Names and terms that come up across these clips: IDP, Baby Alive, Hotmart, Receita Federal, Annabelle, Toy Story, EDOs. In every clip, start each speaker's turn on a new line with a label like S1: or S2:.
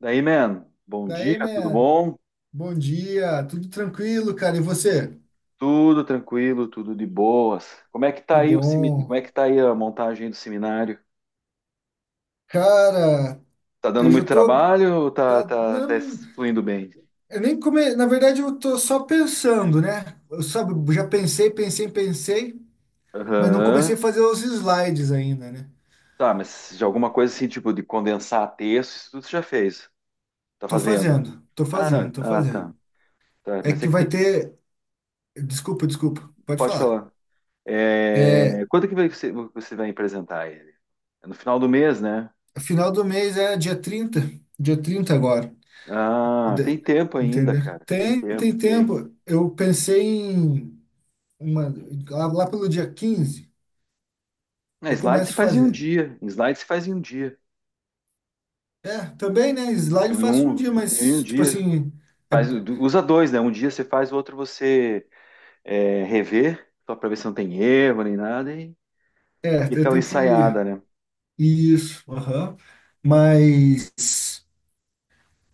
S1: Daí, man, bom dia,
S2: Daí,
S1: tudo
S2: man,
S1: bom?
S2: bom dia, tudo tranquilo, cara, e você?
S1: Tudo tranquilo, tudo de boas. Como é que tá
S2: Que
S1: aí o
S2: bom.
S1: como é que tá aí a montagem do seminário?
S2: Cara,
S1: Tá dando
S2: eu já
S1: muito
S2: tô,
S1: trabalho ou tá,
S2: tá,
S1: tá, tá
S2: não,
S1: fluindo bem?
S2: eu nem come, na verdade eu tô só pensando, né? Eu, sabe, já pensei, pensei, pensei, mas não
S1: Aham.
S2: comecei a fazer os slides ainda, né?
S1: Tá, mas de alguma coisa assim, tipo, de condensar texto, isso tudo você já fez. Tá
S2: Tô
S1: fazendo?
S2: fazendo, tô
S1: Ah, não.
S2: fazendo, tô
S1: Ah, tá.
S2: fazendo.
S1: Tá,
S2: É
S1: mas é
S2: que
S1: que
S2: vai
S1: tem...
S2: ter, desculpa, desculpa, pode
S1: Pode
S2: falar.
S1: falar.
S2: É,
S1: Quando você vai apresentar ele? É no final do mês, né?
S2: final do mês é dia 30, dia 30 agora.
S1: Ah, tem
S2: De-
S1: tempo ainda,
S2: Entendeu?
S1: cara. Tem
S2: Tem,
S1: tempo,
S2: tem
S1: tem.
S2: tempo. Eu pensei em uma, lá pelo dia 15
S1: Na
S2: eu
S1: slide se
S2: começo a
S1: faz em um
S2: fazer.
S1: dia. Em slide se faz em um dia.
S2: É, também, né? Slide
S1: Então,
S2: eu
S1: em
S2: faço um dia,
S1: um
S2: mas, tipo
S1: dia.
S2: assim, é,
S1: Faz, usa dois, né? Um dia você faz, o outro você é, rever, só para ver se não tem erro nem nada. E
S2: eu
S1: aquela
S2: tenho que.
S1: ensaiada, né?
S2: Isso, aham. Mas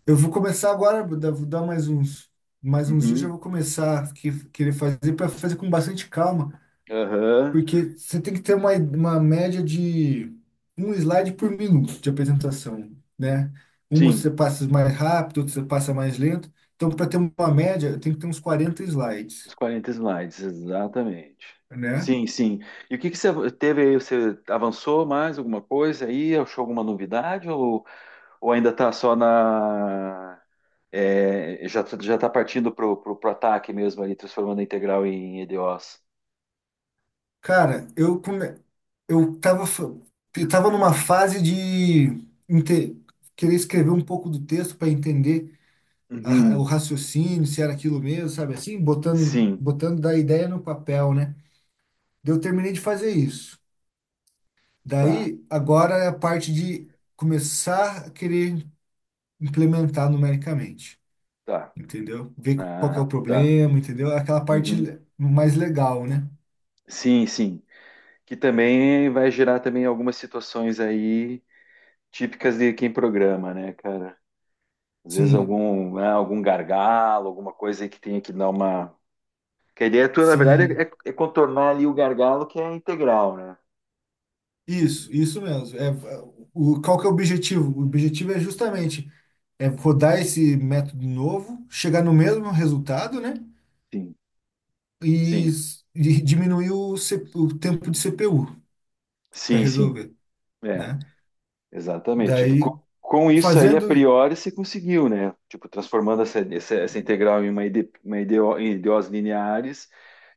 S2: eu vou começar agora, vou dar mais uns dias, já
S1: Uhum,
S2: vou começar a querer fazer para fazer com bastante calma.
S1: aham.
S2: Porque você tem que ter uma média de um slide por minuto de apresentação, né? Uma
S1: Sim,
S2: você passa mais rápido, outra você passa mais lento. Então, para ter uma média, tem que ter uns 40
S1: os
S2: slides,
S1: 40 slides, exatamente.
S2: né?
S1: Sim, sim. E o que que você teve aí? Você avançou mais alguma coisa aí? Achou alguma novidade? Ou ainda está só na... É, já está partindo pro ataque mesmo ali, transformando a integral em EDOs.
S2: Cara, eu come... eu tava fa- eu tava numa fase de inte- querer escrever um pouco do texto para entender o
S1: Uhum,
S2: raciocínio, se era aquilo mesmo, sabe, assim, botando
S1: sim,
S2: botando da ideia no papel, né? Daí eu terminei de fazer isso.
S1: tá,
S2: Daí, agora é a parte de começar a querer implementar numericamente,
S1: tá,
S2: entendeu? Ver qual que é o
S1: ah, tá.
S2: problema, entendeu? É aquela parte
S1: Uhum,
S2: mais legal, né?
S1: sim, sim. Que também vai gerar também algumas situações aí típicas de quem programa, né, cara? Às vezes
S2: Sim,
S1: algum, né, algum gargalo, alguma coisa aí que tenha que dar uma. Que a ideia tua, na verdade,
S2: sim.
S1: é, é contornar ali o gargalo que é a integral, né?
S2: Isso mesmo. Qual que é o objetivo? O objetivo é justamente rodar esse método novo, chegar no mesmo resultado, né?
S1: Sim,
S2: E,
S1: sim,
S2: e diminuir o tempo de CPU para
S1: sim, sim.
S2: resolver,
S1: É.
S2: né?
S1: Exatamente. Tipo,
S2: Daí,
S1: com isso aí, a
S2: fazendo.
S1: priori, se conseguiu, né? Tipo, transformando essa integral em uma, ide, uma em ideós lineares,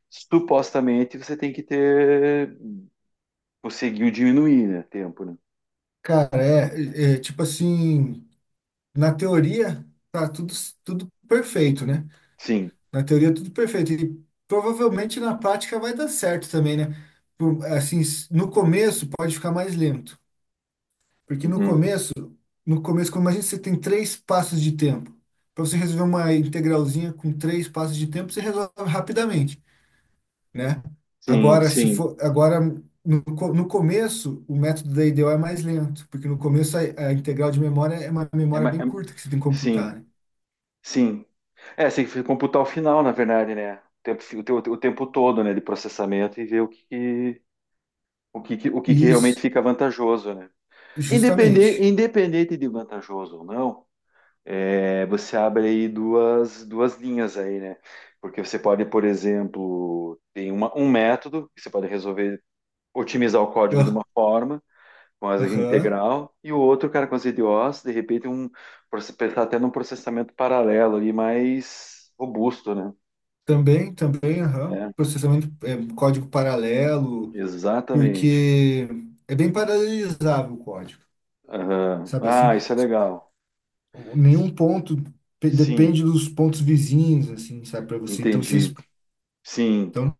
S1: supostamente você tem que ter, conseguiu diminuir, né? Tempo, né?
S2: Cara, tipo assim, na teoria tá tudo, tudo perfeito, né?
S1: Sim.
S2: Na teoria tudo perfeito. E provavelmente na prática vai dar certo também, né? Assim, no começo pode ficar mais lento. Porque no
S1: Uhum.
S2: começo, como imagina, você tem três passos de tempo. Para você resolver uma integralzinha com três passos de tempo, você resolve rapidamente, né?
S1: Sim,
S2: Agora, se
S1: sim.
S2: for, agora no, co- no começo, o método da IDEO é mais lento, porque no começo a integral de memória é uma
S1: É,
S2: memória bem
S1: é,
S2: curta que você tem que
S1: sim,
S2: computar, né?
S1: sim. É, você tem que computar o final, na verdade, né? O tempo, o, o tempo todo, né, de processamento e ver o que, o que, o que que realmente
S2: Isso,
S1: fica vantajoso, né? Independente,
S2: justamente.
S1: independente de vantajoso ou não, é, você abre aí duas, duas linhas aí, né? Porque você pode, por exemplo, tem uma, um método que você pode resolver otimizar o código de
S2: Ah,
S1: uma forma, com asa
S2: aham.
S1: integral, e o outro, cara, com as IDOs, de repente, um, pensar até num processamento paralelo ali mais robusto, né?
S2: Também, também, aham.
S1: É,
S2: Processamento, é, código paralelo,
S1: exatamente.
S2: porque é bem paralelizável o código,
S1: Aham.
S2: sabe assim?
S1: Ah, isso é legal. S-
S2: Nenhum ponto
S1: sim,
S2: depende dos pontos vizinhos, assim, sabe, para você. Então, vocês,
S1: entendi. Sim,
S2: então,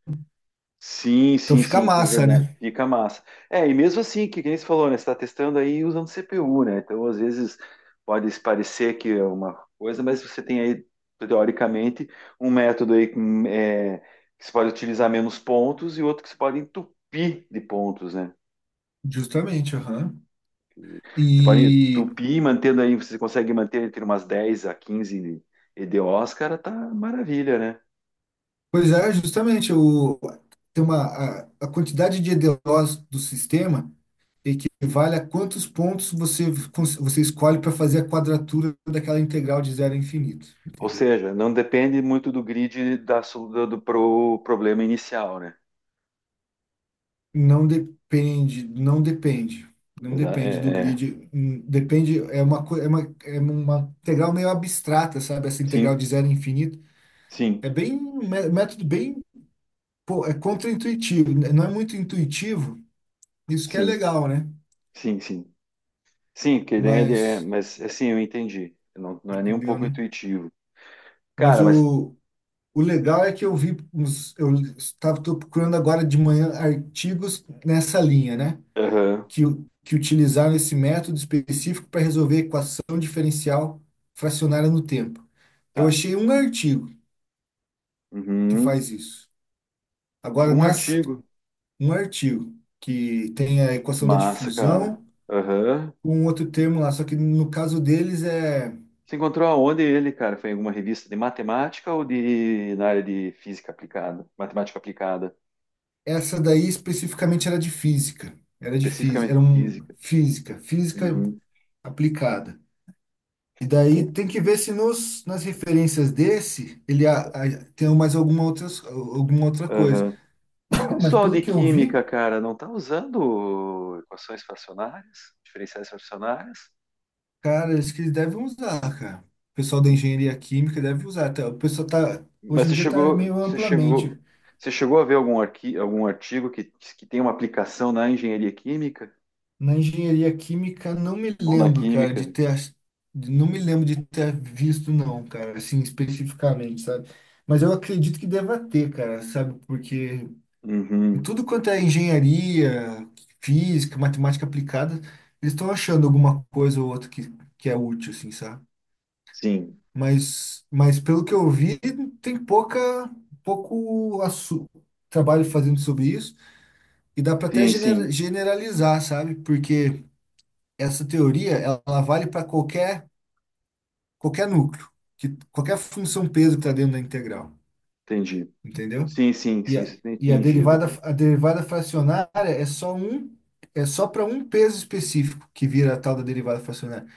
S1: sim,
S2: então
S1: sim,
S2: fica
S1: sim, isso é
S2: massa,
S1: verdade.
S2: né?
S1: Fica massa. É, e mesmo assim, que nem você falou, né? Você está testando aí usando CPU, né? Então, às vezes, pode parecer que é uma coisa, mas você tem aí, teoricamente, um método aí com, é, que você pode utilizar menos pontos e outro que você pode entupir de pontos, né?
S2: Justamente, aham.
S1: Você pode
S2: E,
S1: entupir, mantendo aí, você consegue manter entre umas 10 a 15 EDOs, cara, tá maravilha, né?
S2: pois é, justamente, o, tem uma, a quantidade de EDOs do sistema equivale a quantos pontos você, você escolhe para fazer a quadratura daquela integral de zero a infinito,
S1: Ou
S2: entendeu?
S1: seja, não depende muito do grid da, do, do problema inicial, né?
S2: Não depende, não depende, não depende do
S1: É, é.
S2: grid, depende, é é é uma integral meio abstrata, sabe? Essa integral
S1: Sim,
S2: de zero a infinito. É
S1: sim,
S2: bem, método bem, pô, é contraintuitivo, né? Não é muito intuitivo, isso que é
S1: sim,
S2: legal, né?
S1: sim, sim. Sim, que a ideia é,
S2: Mas,
S1: mas assim, eu entendi. Não, não é nem um
S2: entendeu,
S1: pouco
S2: né?
S1: intuitivo.
S2: Mas
S1: Cara, mas...
S2: o legal é que eu vi, eu estava tô procurando agora de manhã artigos nessa linha, né?
S1: Aham,
S2: Que, que utilizaram esse método específico para resolver a equação diferencial fracionária no tempo. Eu
S1: tá.
S2: achei um artigo que
S1: Uhum.
S2: faz isso.
S1: Achou
S2: Agora,
S1: um artigo.
S2: um artigo que tem a equação da
S1: Massa, cara.
S2: difusão
S1: Aham.
S2: com outro termo lá, só que no caso deles é...
S1: Você encontrou aonde ele, cara? Foi em alguma revista de matemática ou de na área de física aplicada? Matemática aplicada,
S2: essa daí especificamente era de física. Era de física,
S1: especificamente
S2: era
S1: física.
S2: física
S1: Uhum.
S2: aplicada. E daí tem que ver se nas referências desse ele tem mais alguma outra coisa.
S1: Aham.
S2: Mas
S1: Pessoal
S2: pelo
S1: de
S2: que eu
S1: química,
S2: vi,
S1: cara, não tá usando equações fracionárias, diferenciais fracionárias?
S2: cara, acho que eles devem usar, cara. O pessoal da engenharia química deve usar. Tá, o pessoal tá,
S1: Mas
S2: hoje em
S1: você
S2: dia tá
S1: chegou,
S2: meio
S1: você chegou,
S2: amplamente.
S1: você chegou a ver algum, arqui, algum artigo que tem uma aplicação na engenharia química
S2: Na engenharia química, não me
S1: ou na
S2: lembro, cara, de
S1: química?
S2: ter. Não me lembro de ter visto, não, cara, assim, especificamente, sabe? Mas eu acredito que deva ter, cara, sabe? Porque
S1: Uhum,
S2: tudo quanto é engenharia, física, matemática aplicada, eles estão achando alguma coisa ou outra que é útil, assim, sabe?
S1: sim,
S2: Mas pelo que eu vi, tem pouco assu- trabalho fazendo sobre isso. E dá para até
S1: sim, sim,
S2: generalizar, sabe? Porque essa teoria ela vale para qualquer qualquer núcleo, que qualquer função peso que está dentro da integral,
S1: entendi.
S2: entendeu?
S1: Sim, sim,
S2: E
S1: sim,
S2: a,
S1: você tem
S2: e
S1: entendido, cara.
S2: a derivada fracionária é só é só para um peso específico que vira a tal da derivada fracionária.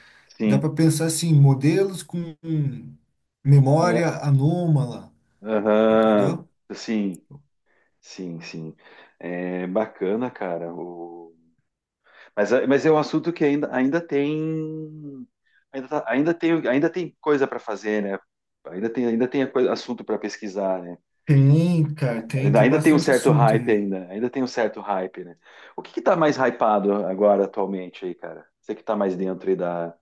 S2: Dá
S1: Sim,
S2: para pensar assim, modelos com memória
S1: né?
S2: anômala,
S1: Aham,
S2: entendeu?
S1: sim, sim, sim. É bacana, cara. O... Mas, mas é um assunto que ainda, ainda tem, ainda, ainda tem coisa para fazer, né? Ainda tem a assunto para pesquisar, né?
S2: Tem, cara, tem, tem
S1: Ainda tem um
S2: bastante
S1: certo
S2: assunto
S1: hype
S2: ainda.
S1: ainda, ainda tem um certo hype, né? O que que tá mais hypado agora atualmente aí, cara? Você que tá mais dentro aí da...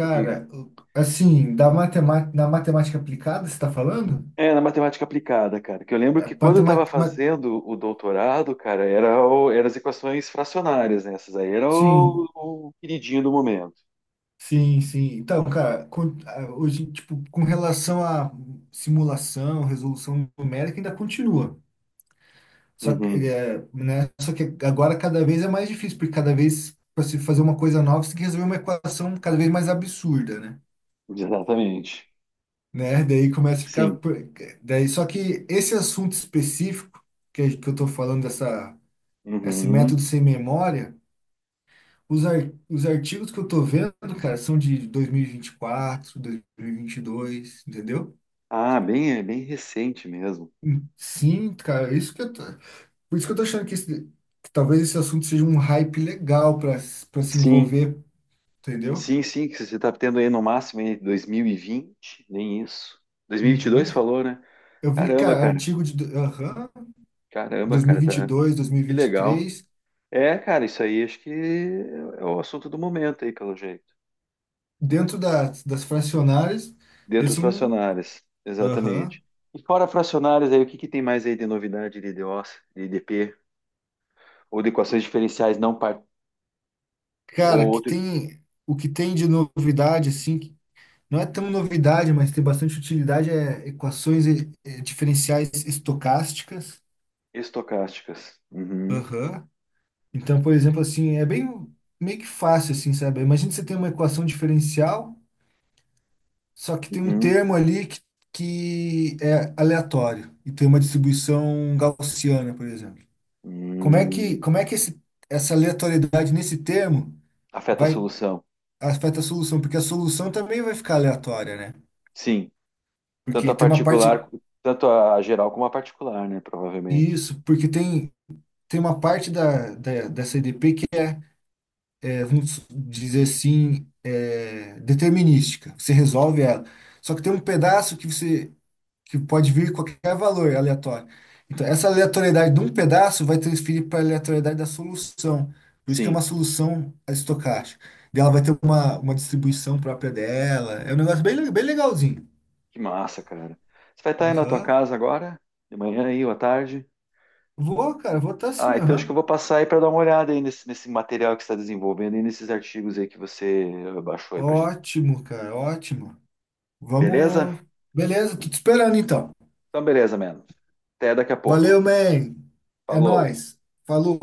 S1: Porque
S2: assim, da matemática, na matemática aplicada, você está falando?
S1: é na matemática aplicada, cara, que eu lembro
S2: Na
S1: que quando eu
S2: matema-
S1: tava
S2: ma-
S1: fazendo o doutorado, cara, era eram as equações fracionárias, né? Essas aí era
S2: Sim,
S1: o queridinho do momento.
S2: sim, sim. Então, cara, ah, hoje, tipo, com relação à simulação, resolução numérica, ainda continua. Só que,
S1: Uhum,
S2: é, né, só que agora cada vez é mais difícil, porque cada vez, para se fazer uma coisa nova, você tem que resolver uma equação cada vez mais absurda, né?
S1: exatamente.
S2: Né? Daí começa a ficar.
S1: Sim.
S2: Daí, só que esse assunto específico, que eu tô falando, esse
S1: Uhum.
S2: método sem memória, os artigos que eu tô vendo, cara, são de 2024, 2022, entendeu?
S1: Ah, bem, é bem recente mesmo.
S2: Sim, cara, é isso que eu tô, por isso que eu tô achando que talvez esse assunto seja um hype legal para para se
S1: Sim,
S2: envolver, entendeu?
S1: sim, sim, que você está tendo aí no máximo aí 2020, nem isso. 2022
S2: Uhum.
S1: falou, né?
S2: Eu vi,
S1: Caramba,
S2: cara,
S1: cara.
S2: artigo aham,
S1: Caramba, cara, tá.
S2: 2022,
S1: Que legal.
S2: 2023,
S1: É, cara, isso aí acho que é o assunto do momento aí, pelo jeito.
S2: dentro das, das fracionárias,
S1: Dentro das
S2: esse é um,
S1: fracionárias,
S2: aham,
S1: exatamente. E fora fracionárias aí, o que que tem mais aí de novidade de IDOs, de IDP, ou de equações diferenciais não par... ou
S2: cara, que
S1: outro
S2: tem o que tem de novidade assim, que não é tão novidade, mas tem bastante utilidade é equações e diferenciais estocásticas.
S1: estocásticas? Uhum,
S2: Aham. Então, por exemplo, assim, é bem meio que fácil, assim, sabe? Imagina que você tem uma equação diferencial, só que tem um
S1: uhum,
S2: termo ali que é aleatório e tem uma distribuição gaussiana, por exemplo.
S1: uhum.
S2: Como é que essa aleatoriedade nesse termo
S1: Afeta a
S2: vai
S1: solução.
S2: afeta a solução? Porque a solução também vai ficar aleatória, né?
S1: Sim, tanto
S2: Porque
S1: a
S2: tem uma parte,
S1: particular, tanto a geral como a particular, né? Provavelmente.
S2: isso, porque tem, tem uma parte dessa EDP que é, vamos dizer assim, é, determinística. Você resolve ela. Só que tem um pedaço que pode vir qualquer valor aleatório. Então, essa aleatoriedade de um pedaço vai transferir para a aleatoriedade da solução. Por isso que é
S1: Sim,
S2: uma solução estocástica. Daí ela vai ter uma distribuição própria dela. É um negócio bem, bem legalzinho.
S1: que massa, cara. Você vai estar aí na tua
S2: Aham.
S1: casa agora? De manhã aí, ou à tarde?
S2: Vou, cara, vou estar
S1: Ah,
S2: sim,
S1: então acho que eu
S2: aham.
S1: vou passar aí para dar uma olhada aí nesse, nesse material que você está desenvolvendo e nesses artigos aí que você baixou aí pra gente.
S2: Ótimo, cara, ótimo.
S1: Beleza?
S2: Vamos. Beleza, tô te esperando então.
S1: Então, beleza, mano. Até daqui a pouco.
S2: Valeu, man. É
S1: Falou.
S2: nóis. Falou.